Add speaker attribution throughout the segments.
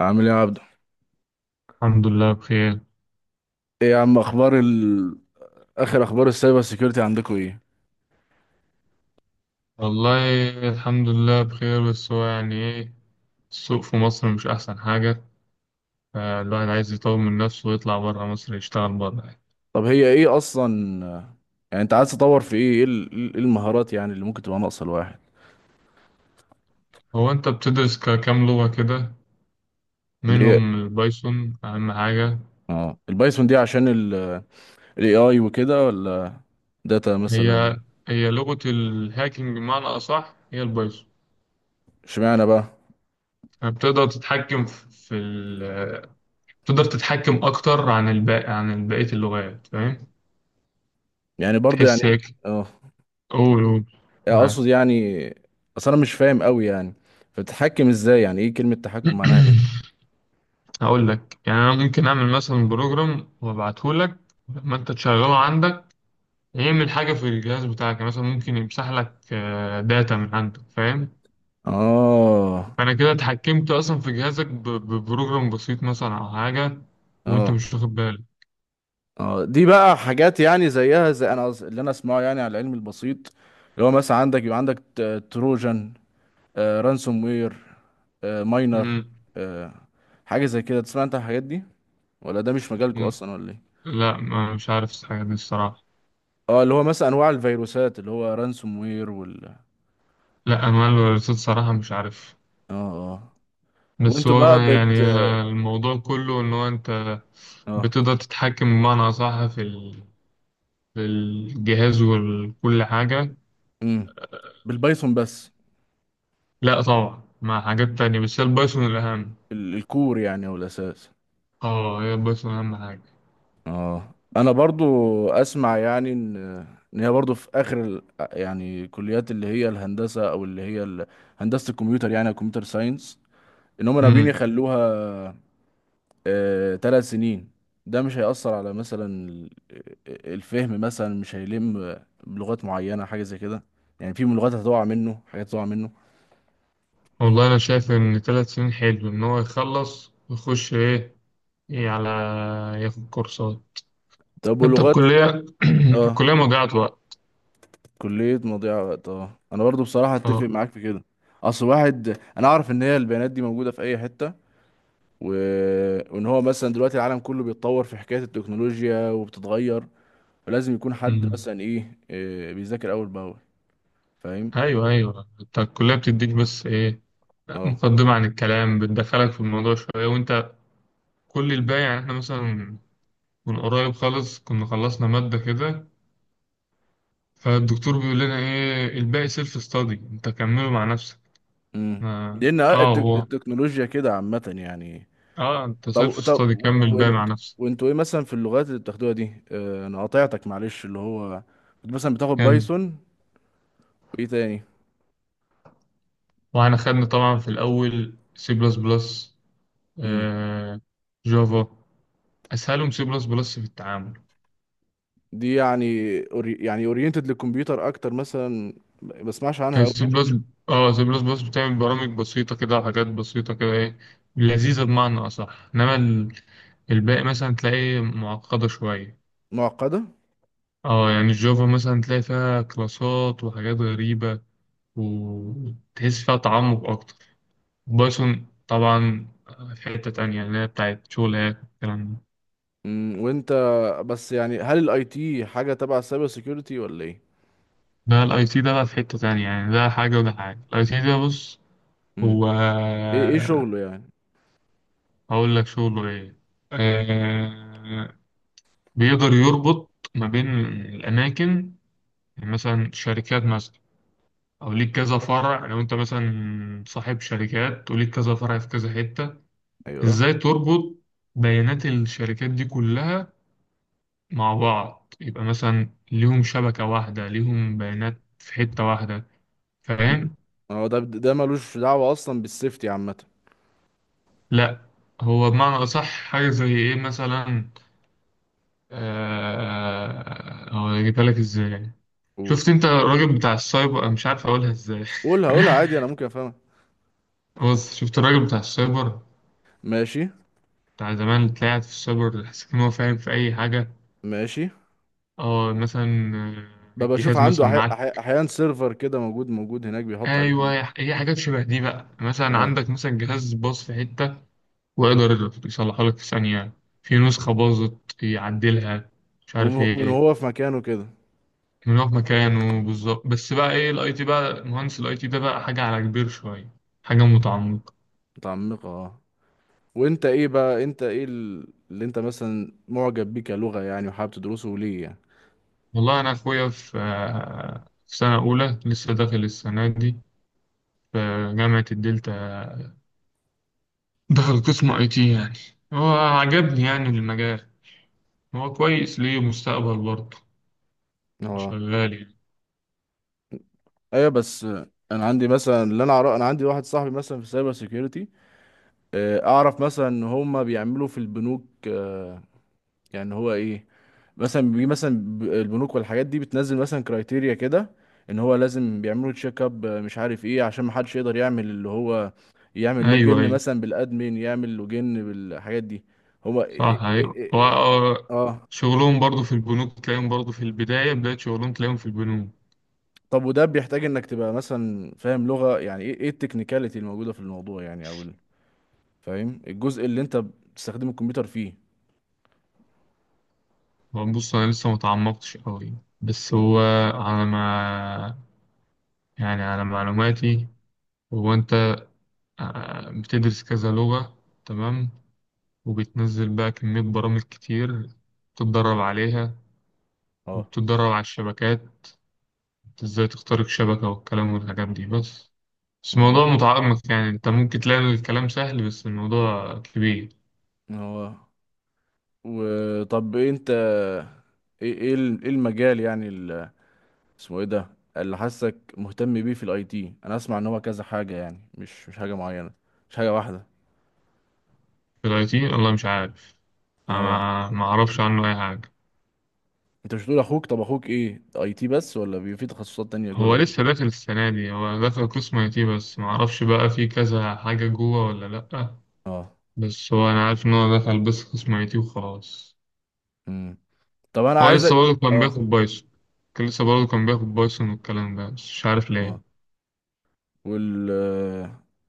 Speaker 1: عامل ايه يا عبدو؟
Speaker 2: الحمد لله بخير.
Speaker 1: ايه يا عم، اخبار اخر اخبار السايبر سيكيورتي عندكم ايه؟
Speaker 2: والله، الحمد لله بخير، بس هو يعني ايه؟ السوق في مصر مش أحسن حاجة، فالواحد عايز يطور من نفسه ويطلع برا مصر يشتغل برا يعني.
Speaker 1: طب هي ايه اصلا؟ يعني انت عايز تطور في ايه إيه المهارات، يعني اللي ممكن تبقى ناقصه الواحد؟
Speaker 2: هو أنت بتدرس كام لغة كده؟
Speaker 1: اللي هي
Speaker 2: منهم البايثون أهم حاجة.
Speaker 1: اه البايثون دي عشان الاي اي وكده، ولا داتا
Speaker 2: هي
Speaker 1: مثلا؟
Speaker 2: هي لغة الهاكينج، بمعنى أصح هي البايثون.
Speaker 1: اشمعنى بقى؟
Speaker 2: فبتقدر تتحكم في في ال تقدر تتحكم أكتر عن الباقي عن بقية اللغات، فاهم؟
Speaker 1: يعني برضو
Speaker 2: تحس
Speaker 1: يعني.
Speaker 2: هيك؟
Speaker 1: اه.
Speaker 2: قول، قول،
Speaker 1: يعني
Speaker 2: معاك.
Speaker 1: اقصد يعني. اصل انا مش فاهم قوي يعني. فبتتحكم ازاي؟ يعني ايه كلمة تحكم معناها ايه؟
Speaker 2: هقول لك، يعني انا ممكن اعمل مثلا بروجرام وابعته لك، لما انت تشغله عندك يعمل حاجه في الجهاز بتاعك. يعني مثلا ممكن يمسح لك داتا من عندك، فاهم؟
Speaker 1: اه.
Speaker 2: فانا كده اتحكمت اصلا في جهازك ببروجرام بسيط مثلا او حاجه، وانت
Speaker 1: اه.
Speaker 2: مش واخد بالك.
Speaker 1: اه، دي بقى حاجات، يعني زيها زي انا اللي انا اسمعه، يعني على العلم البسيط. اللي هو مثلا عندك، يبقى عندك تروجان، رانسوم وير، ماينر،
Speaker 2: مم.
Speaker 1: آه حاجه زي كده. تسمع انت عن الحاجات دي، ولا ده مش مجالكم
Speaker 2: مم.
Speaker 1: اصلا ولا ايه؟
Speaker 2: لا، ما مش عارف الحاجه دي الصراحه.
Speaker 1: اه، اللي هو مثلا انواع الفيروسات، اللي هو رانسوم وير وال اه
Speaker 2: لا، انا الرصيد صراحه مش عارف.
Speaker 1: اه.
Speaker 2: بس
Speaker 1: وانتوا
Speaker 2: هو
Speaker 1: بقى بت
Speaker 2: يعني الموضوع كله ان هو انت
Speaker 1: اه
Speaker 2: بتقدر تتحكم، بمعنى اصح، في في الجهاز وكل حاجه.
Speaker 1: امم بالبايثون بس؟
Speaker 2: لا طبعا، مع حاجات تانية، بس هي البايثون الأهم.
Speaker 1: الكور يعني، او الاساس.
Speaker 2: اه، هي البايثون أهم حاجة.
Speaker 1: اه، انا برضو اسمع يعني ان هي برضو في اخر يعني كليات، اللي هي الهندسه او اللي هي هندسه الكمبيوتر يعني، كمبيوتر ساينس. ان هم ناويين
Speaker 2: امم.
Speaker 1: يخلوها 3 سنين. ده مش هيأثر على مثلا الفهم؟ مثلا مش هيلم بلغات معينه، حاجه زي كده؟ يعني في لغات هتقع منه، حاجات هتقع منه.
Speaker 2: والله أنا شايف إن 3 سنين حلو، إن هو يخلص ويخش إيه على، ياخد كورسات.
Speaker 1: طب،
Speaker 2: أنت
Speaker 1: ولغات
Speaker 2: الكلية
Speaker 1: اه
Speaker 2: الكلية مضيعة وقت.
Speaker 1: كليه مضيعه وقت. اه، انا برضو بصراحه اتفق
Speaker 2: اه.
Speaker 1: معاك في كده. اصل واحد، انا اعرف ان هي البيانات دي موجوده في اي حته. و... وان هو مثلا دلوقتي العالم كله بيتطور في حكاية التكنولوجيا وبتتغير. فلازم يكون حد
Speaker 2: امم.
Speaker 1: مثلا إيه بيذاكر اول باول. فاهم؟
Speaker 2: أيوه، أيوه، أنت الكلية بتديك بس إيه،
Speaker 1: اه.
Speaker 2: مقدمة عن الكلام، بتدخلك في الموضوع شوية، وأنت كل الباقي، يعني إحنا مثلا من قريب خالص كنا خلصنا مادة كده، فالدكتور بيقول لنا إيه الباقي سيلف ستادي، أنت كمله مع نفسك.
Speaker 1: امم
Speaker 2: اه.
Speaker 1: لان
Speaker 2: هو،
Speaker 1: التكنولوجيا كده عامة يعني.
Speaker 2: اه انت سيلف
Speaker 1: طب طب،
Speaker 2: ستادي، كمل بقى مع
Speaker 1: وانت
Speaker 2: نفسك.
Speaker 1: وانتوا ايه مثلا في اللغات اللي بتاخدوها دي؟ انا قاطعتك معلش، اللي هو كنت مثلا بتاخد
Speaker 2: كان،
Speaker 1: بايثون، وايه تاني؟
Speaker 2: واحنا خدنا طبعا في الاول سي بلس بلس،
Speaker 1: امم
Speaker 2: جافا. اسهلهم سي بلس بلس في التعامل.
Speaker 1: دي يعني يعني اورينتد للكمبيوتر اكتر مثلا. ما بسمعش عنها قوي
Speaker 2: سي
Speaker 1: يعني.
Speaker 2: بلس اه سي بلس بلس بتعمل برامج بسيطة كده وحاجات بسيطة كده، ايه، لذيذة بمعنى اصح. انما الباقي مثلا تلاقيه معقدة شوية.
Speaker 1: معقدة.
Speaker 2: اه، يعني الجافا مثلا تلاقي فيها كلاسات وحاجات غريبة، وتحس فيها تعمق اكتر. بايثون طبعا في حتة تانية، اللي هي بتاعت شغلات والكلام ده.
Speaker 1: وانت، بس يعني هل الاي تي حاجه تبع السايبر سيكيورتي ولا ايه؟
Speaker 2: ده الاي تي ده بقى في حتة تانية، يعني ده حاجة وده حاجة. الاي تي ده، بص،
Speaker 1: امم
Speaker 2: هو
Speaker 1: ايه شغله يعني؟
Speaker 2: هقول لك شغله ايه. آه، بيقدر يربط ما بين الأماكن، يعني مثلا شركات مثلا، أو ليك كذا فرع. لو أنت مثلا صاحب شركات وليك كذا فرع في كذا حتة،
Speaker 1: ايوه.
Speaker 2: إزاي تربط بيانات الشركات دي كلها مع بعض، يبقى مثلا ليهم شبكة واحدة، ليهم بيانات في حتة واحدة،
Speaker 1: امم
Speaker 2: فاهم؟
Speaker 1: هو ده ملوش دعوه اصلا بالسيفتي عامه؟
Speaker 2: لا، هو بمعنى أصح حاجة زي إيه مثلا، هو أجيبها لك إزاي؟
Speaker 1: قول
Speaker 2: شفت أنت الراجل بتاع السايبر، أنا مش عارف أقولها إزاي.
Speaker 1: قولها قولها عادي، انا ممكن افهمها.
Speaker 2: بص، شفت الراجل بتاع السايبر
Speaker 1: ماشي.
Speaker 2: بتاع زمان، اللي طلعت في السايبر حسيت إن هو فاهم في أي حاجة.
Speaker 1: ماشي.
Speaker 2: أه، مثلا
Speaker 1: ببقى اشوف
Speaker 2: الجهاز
Speaker 1: عنده
Speaker 2: مثلا معاك.
Speaker 1: احيانا سيرفر كده موجود، موجود هناك بيحط عليه
Speaker 2: أيوه، هي حاجات شبه دي بقى، مثلا
Speaker 1: اه
Speaker 2: عندك مثلا جهاز باظ في حتة، ويقدر يصلحها لك في ثانية، في نسخة باظت يعدلها، مش عارف
Speaker 1: وان
Speaker 2: ايه.
Speaker 1: هو في مكانه كده.
Speaker 2: من هو في مكانه بالظبط. بس بقى ايه الاي تي، بقى مهندس الاي تي ده بقى حاجة على كبير شوية، حاجة متعمقة.
Speaker 1: متعمقه. اه، وانت ايه بقى؟ اللي انت مثلا معجب بيه كلغه، يعني وحابب تدرسه ليه يعني؟
Speaker 2: والله انا اخويا في سنة اولى، لسه داخل السنة دي، في جامعة الدلتا. دخل قسم اي تي يعني. هو عجبني يعني المجال، هو كويس، ليه مستقبل برضه،
Speaker 1: اه،
Speaker 2: شغال يعني.
Speaker 1: ايوه، بس انا عندي مثلا اللي انا اعرف، انا عندي واحد صاحبي مثلا في سايبر سيكيورتي، اعرف مثلا ان هم بيعملوا في البنوك. يعني هو ايه؟ مثلا البنوك والحاجات دي بتنزل مثلا كرايتيريا كده، ان هو لازم بيعملوا تشيك اب، مش عارف ايه، عشان ما حدش يقدر يعمل اللي هو يعمل
Speaker 2: ايوه،
Speaker 1: لوجن
Speaker 2: ايوه،
Speaker 1: مثلا بالادمين، يعمل لوجن بالحاجات دي. هو إيه- إيه-
Speaker 2: صح
Speaker 1: إيه-
Speaker 2: حقيقة،
Speaker 1: إيه- إيه،
Speaker 2: و-
Speaker 1: اه.
Speaker 2: شغلهم برضو في البنوك، تلاقيهم برضو في البداية، بداية شغلهم تلاقيهم في البنوك.
Speaker 1: طب وده بيحتاج انك تبقى مثلا فاهم لغة يعني؟ ايه التكنيكاليتي الموجودة في الموضوع يعني؟ او فاهم الجزء اللي انت بتستخدم الكمبيوتر فيه؟
Speaker 2: هو بص، أنا لسه متعمقتش أوي، بس
Speaker 1: مم.
Speaker 2: هو على ما يعني، على معلوماتي، هو أنت بتدرس كذا لغة، تمام، وبتنزل بقى كمية برامج كتير، بتتدرب عليها،
Speaker 1: اه.
Speaker 2: وبتتدرب على الشبكات، ازاي تخترق شبكة والكلام والحاجات دي، بس
Speaker 1: مم.
Speaker 2: الموضوع متعمق، يعني انت ممكن تلاقي الكلام سهل، بس الموضوع كبير.
Speaker 1: هو وطب إيه انت؟ ايه المجال يعني؟ اسمه ايه ده، اللي حاسك مهتم بيه في الاي تي؟ انا اسمع ان هو كذا حاجه، يعني مش حاجه معينه، مش حاجه واحده.
Speaker 2: في الاي تي، والله مش عارف،
Speaker 1: اه،
Speaker 2: أنا ما اعرفش عنه اي حاجه.
Speaker 1: انت مش بتقول اخوك؟ طب اخوك ايه، اي تي بس، ولا بيبقى في تخصصات تانية جوه
Speaker 2: هو
Speaker 1: الاي تي؟
Speaker 2: لسه داخل السنه دي، هو داخل قسم اي تي بس، ما اعرفش بقى في كذا حاجه جوه ولا لا.
Speaker 1: اه.
Speaker 2: بس هو انا عارف ان هو دخل بس قسم اي تي وخلاص.
Speaker 1: امم طب انا
Speaker 2: هو لسه
Speaker 1: عايزك.
Speaker 2: برضه كان
Speaker 1: اه.
Speaker 2: بياخد بايثون. كان لسه برضه كان بياخد بايثون والكلام ده، بس مش عارف
Speaker 1: اه.
Speaker 2: ليه.
Speaker 1: وال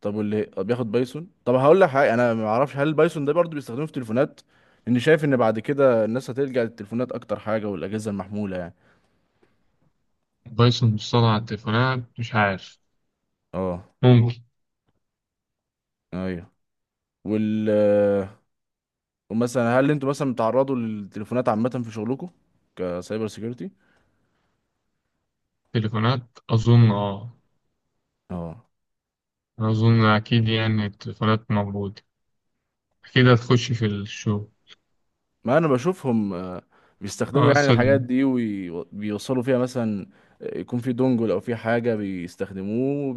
Speaker 1: طب، واللي طب بياخد بايثون؟ طب هقول لك حاجه، انا ما اعرفش، هل البايثون ده برضه بيستخدموه في تليفونات؟ لاني شايف ان بعد كده الناس هتلجأ للتليفونات اكتر حاجه، والاجهزه المحموله يعني.
Speaker 2: بايثون بتصنع على التليفونات، مش عارف،
Speaker 1: اه.
Speaker 2: ممكن.
Speaker 1: ايوه. وال ومثلا هل انتوا مثلا بتعرضوا للتليفونات عامه في شغلكم كسايبر سيكيورتي؟
Speaker 2: تليفونات اظن، اه،
Speaker 1: اه،
Speaker 2: أنا اظن اكيد يعني التليفونات موجوده، اكيد هتخش في الشو.
Speaker 1: ما انا بشوفهم بيستخدموا
Speaker 2: اه،
Speaker 1: يعني الحاجات دي وبيوصلوا فيها مثلا. يكون في دونجل او في حاجه بيستخدموه.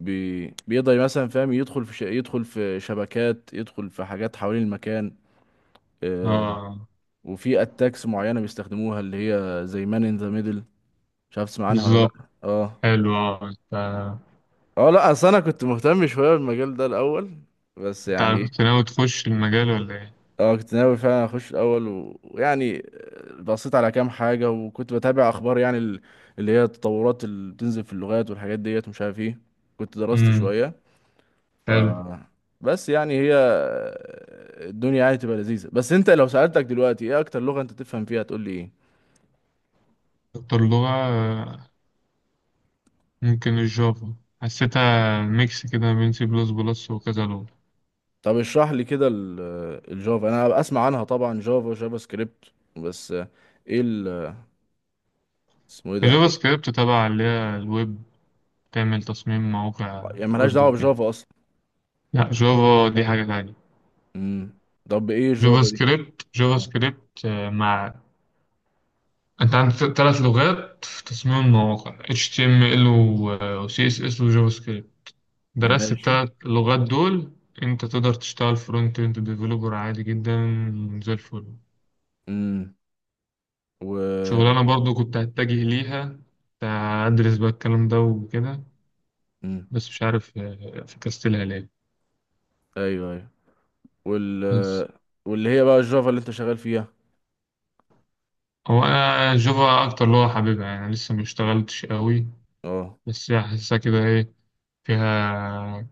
Speaker 1: بيقدر مثلا، فاهم، يدخل في يدخل في شبكات، يدخل في حاجات حوالين المكان آه...
Speaker 2: اه،
Speaker 1: وفي اتاكس معينه بيستخدموها اللي هي زي مان ان ذا ميدل. مش عارف تسمع عنها ولا لا؟
Speaker 2: بالظبط.
Speaker 1: اه.
Speaker 2: حلو. اه انت
Speaker 1: اه، لا اصل انا كنت مهتم شويه بالمجال ده الاول. بس
Speaker 2: انت
Speaker 1: يعني إيه،
Speaker 2: كنت ناوي تخش المجال ولا ايه؟
Speaker 1: اه كنت ناوي فعلا اخش الاول. ويعني بصيت على كام حاجه، وكنت بتابع اخبار يعني اللي هي التطورات اللي بتنزل في اللغات والحاجات ديت، ومش عارف ايه. كنت درست
Speaker 2: امم.
Speaker 1: شويه. ف
Speaker 2: حلو.
Speaker 1: بس يعني هي الدنيا يعني تبقى لذيذة. بس انت لو سألتك دلوقتي ايه اكتر لغة انت تفهم فيها، هتقول لي ايه؟
Speaker 2: اكتر لغة ممكن الجافا، حسيتها ميكس كده ما بين سي بلس بلس وكذا لغة.
Speaker 1: طب اشرح لي كده الجافا. انا اسمع عنها طبعا، جافا جافا سكريبت، بس ايه ال اسمه ايه ده،
Speaker 2: الجافا
Speaker 1: إيه؟
Speaker 2: سكريبت تبع اللي هي الويب، تعمل تصميم مواقع
Speaker 1: يعني ملهاش
Speaker 2: ويب
Speaker 1: دعوة
Speaker 2: وكده.
Speaker 1: بجافا اصلا؟
Speaker 2: لا، جافا دي حاجة تانية.
Speaker 1: امم طب ايه
Speaker 2: جافا
Speaker 1: الجافا دي؟
Speaker 2: سكريبت جافا
Speaker 1: آه،
Speaker 2: سكريبت مع. انت عندك ثلاث لغات في تصميم المواقع: HTML و CSS وجافا سكريبت. درست
Speaker 1: ماشي.
Speaker 2: التلات لغات دول، انت تقدر تشتغل فرونت اند ديفلوبر عادي جدا، زي الفل.
Speaker 1: امم و
Speaker 2: شغلانة برضو كنت هتجه ليها، كنت هدرس بقى الكلام ده وكده،
Speaker 1: امم
Speaker 2: بس مش عارف فكستلها ليه.
Speaker 1: ايوه ايوه. وال
Speaker 2: بس
Speaker 1: واللي هي بقى الجافا اللي انت شغال فيها.
Speaker 2: هو انا جافا اكتر اللي هو حاببها يعني، لسه ما اشتغلتش قوي،
Speaker 1: اه،
Speaker 2: بس حاسسها كده ايه فيها،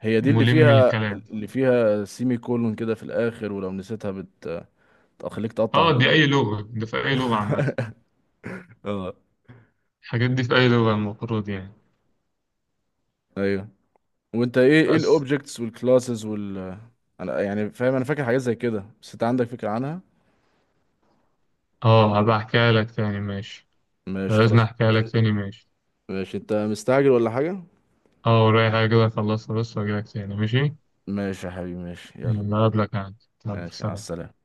Speaker 1: هي دي اللي
Speaker 2: ملم
Speaker 1: فيها،
Speaker 2: الكلام.
Speaker 1: اللي فيها سيمي كولون كده في الاخر، ولو نسيتها تخليك تقطع
Speaker 2: اه، دي
Speaker 1: هدومك.
Speaker 2: اي لغة، ده في اي لغة عامة.
Speaker 1: اه.
Speaker 2: الحاجات دي في اي لغة المفروض يعني،
Speaker 1: ايوه، وانت ايه
Speaker 2: بس.
Speaker 1: الاوبجكتس والكلاسز انا يعني فاهم، انا فاكر حاجات زي كده. بس انت عندك فكرة عنها؟
Speaker 2: اه، هبقى احكيها لك تاني، ماشي.
Speaker 1: ماشي
Speaker 2: لازم
Speaker 1: خلاص.
Speaker 2: احكي لك
Speaker 1: انت.
Speaker 2: تاني، ماشي.
Speaker 1: ماشي، انت مستعجل ولا حاجة؟
Speaker 2: اه، ورايا حاجة كده اخلصها بس واجي لك تاني، ماشي.
Speaker 1: ماشي يا حبيبي، ماشي، يلا.
Speaker 2: يلا، اقابلك عادي، يلا،
Speaker 1: ماشي، على
Speaker 2: سلام.
Speaker 1: السلامة.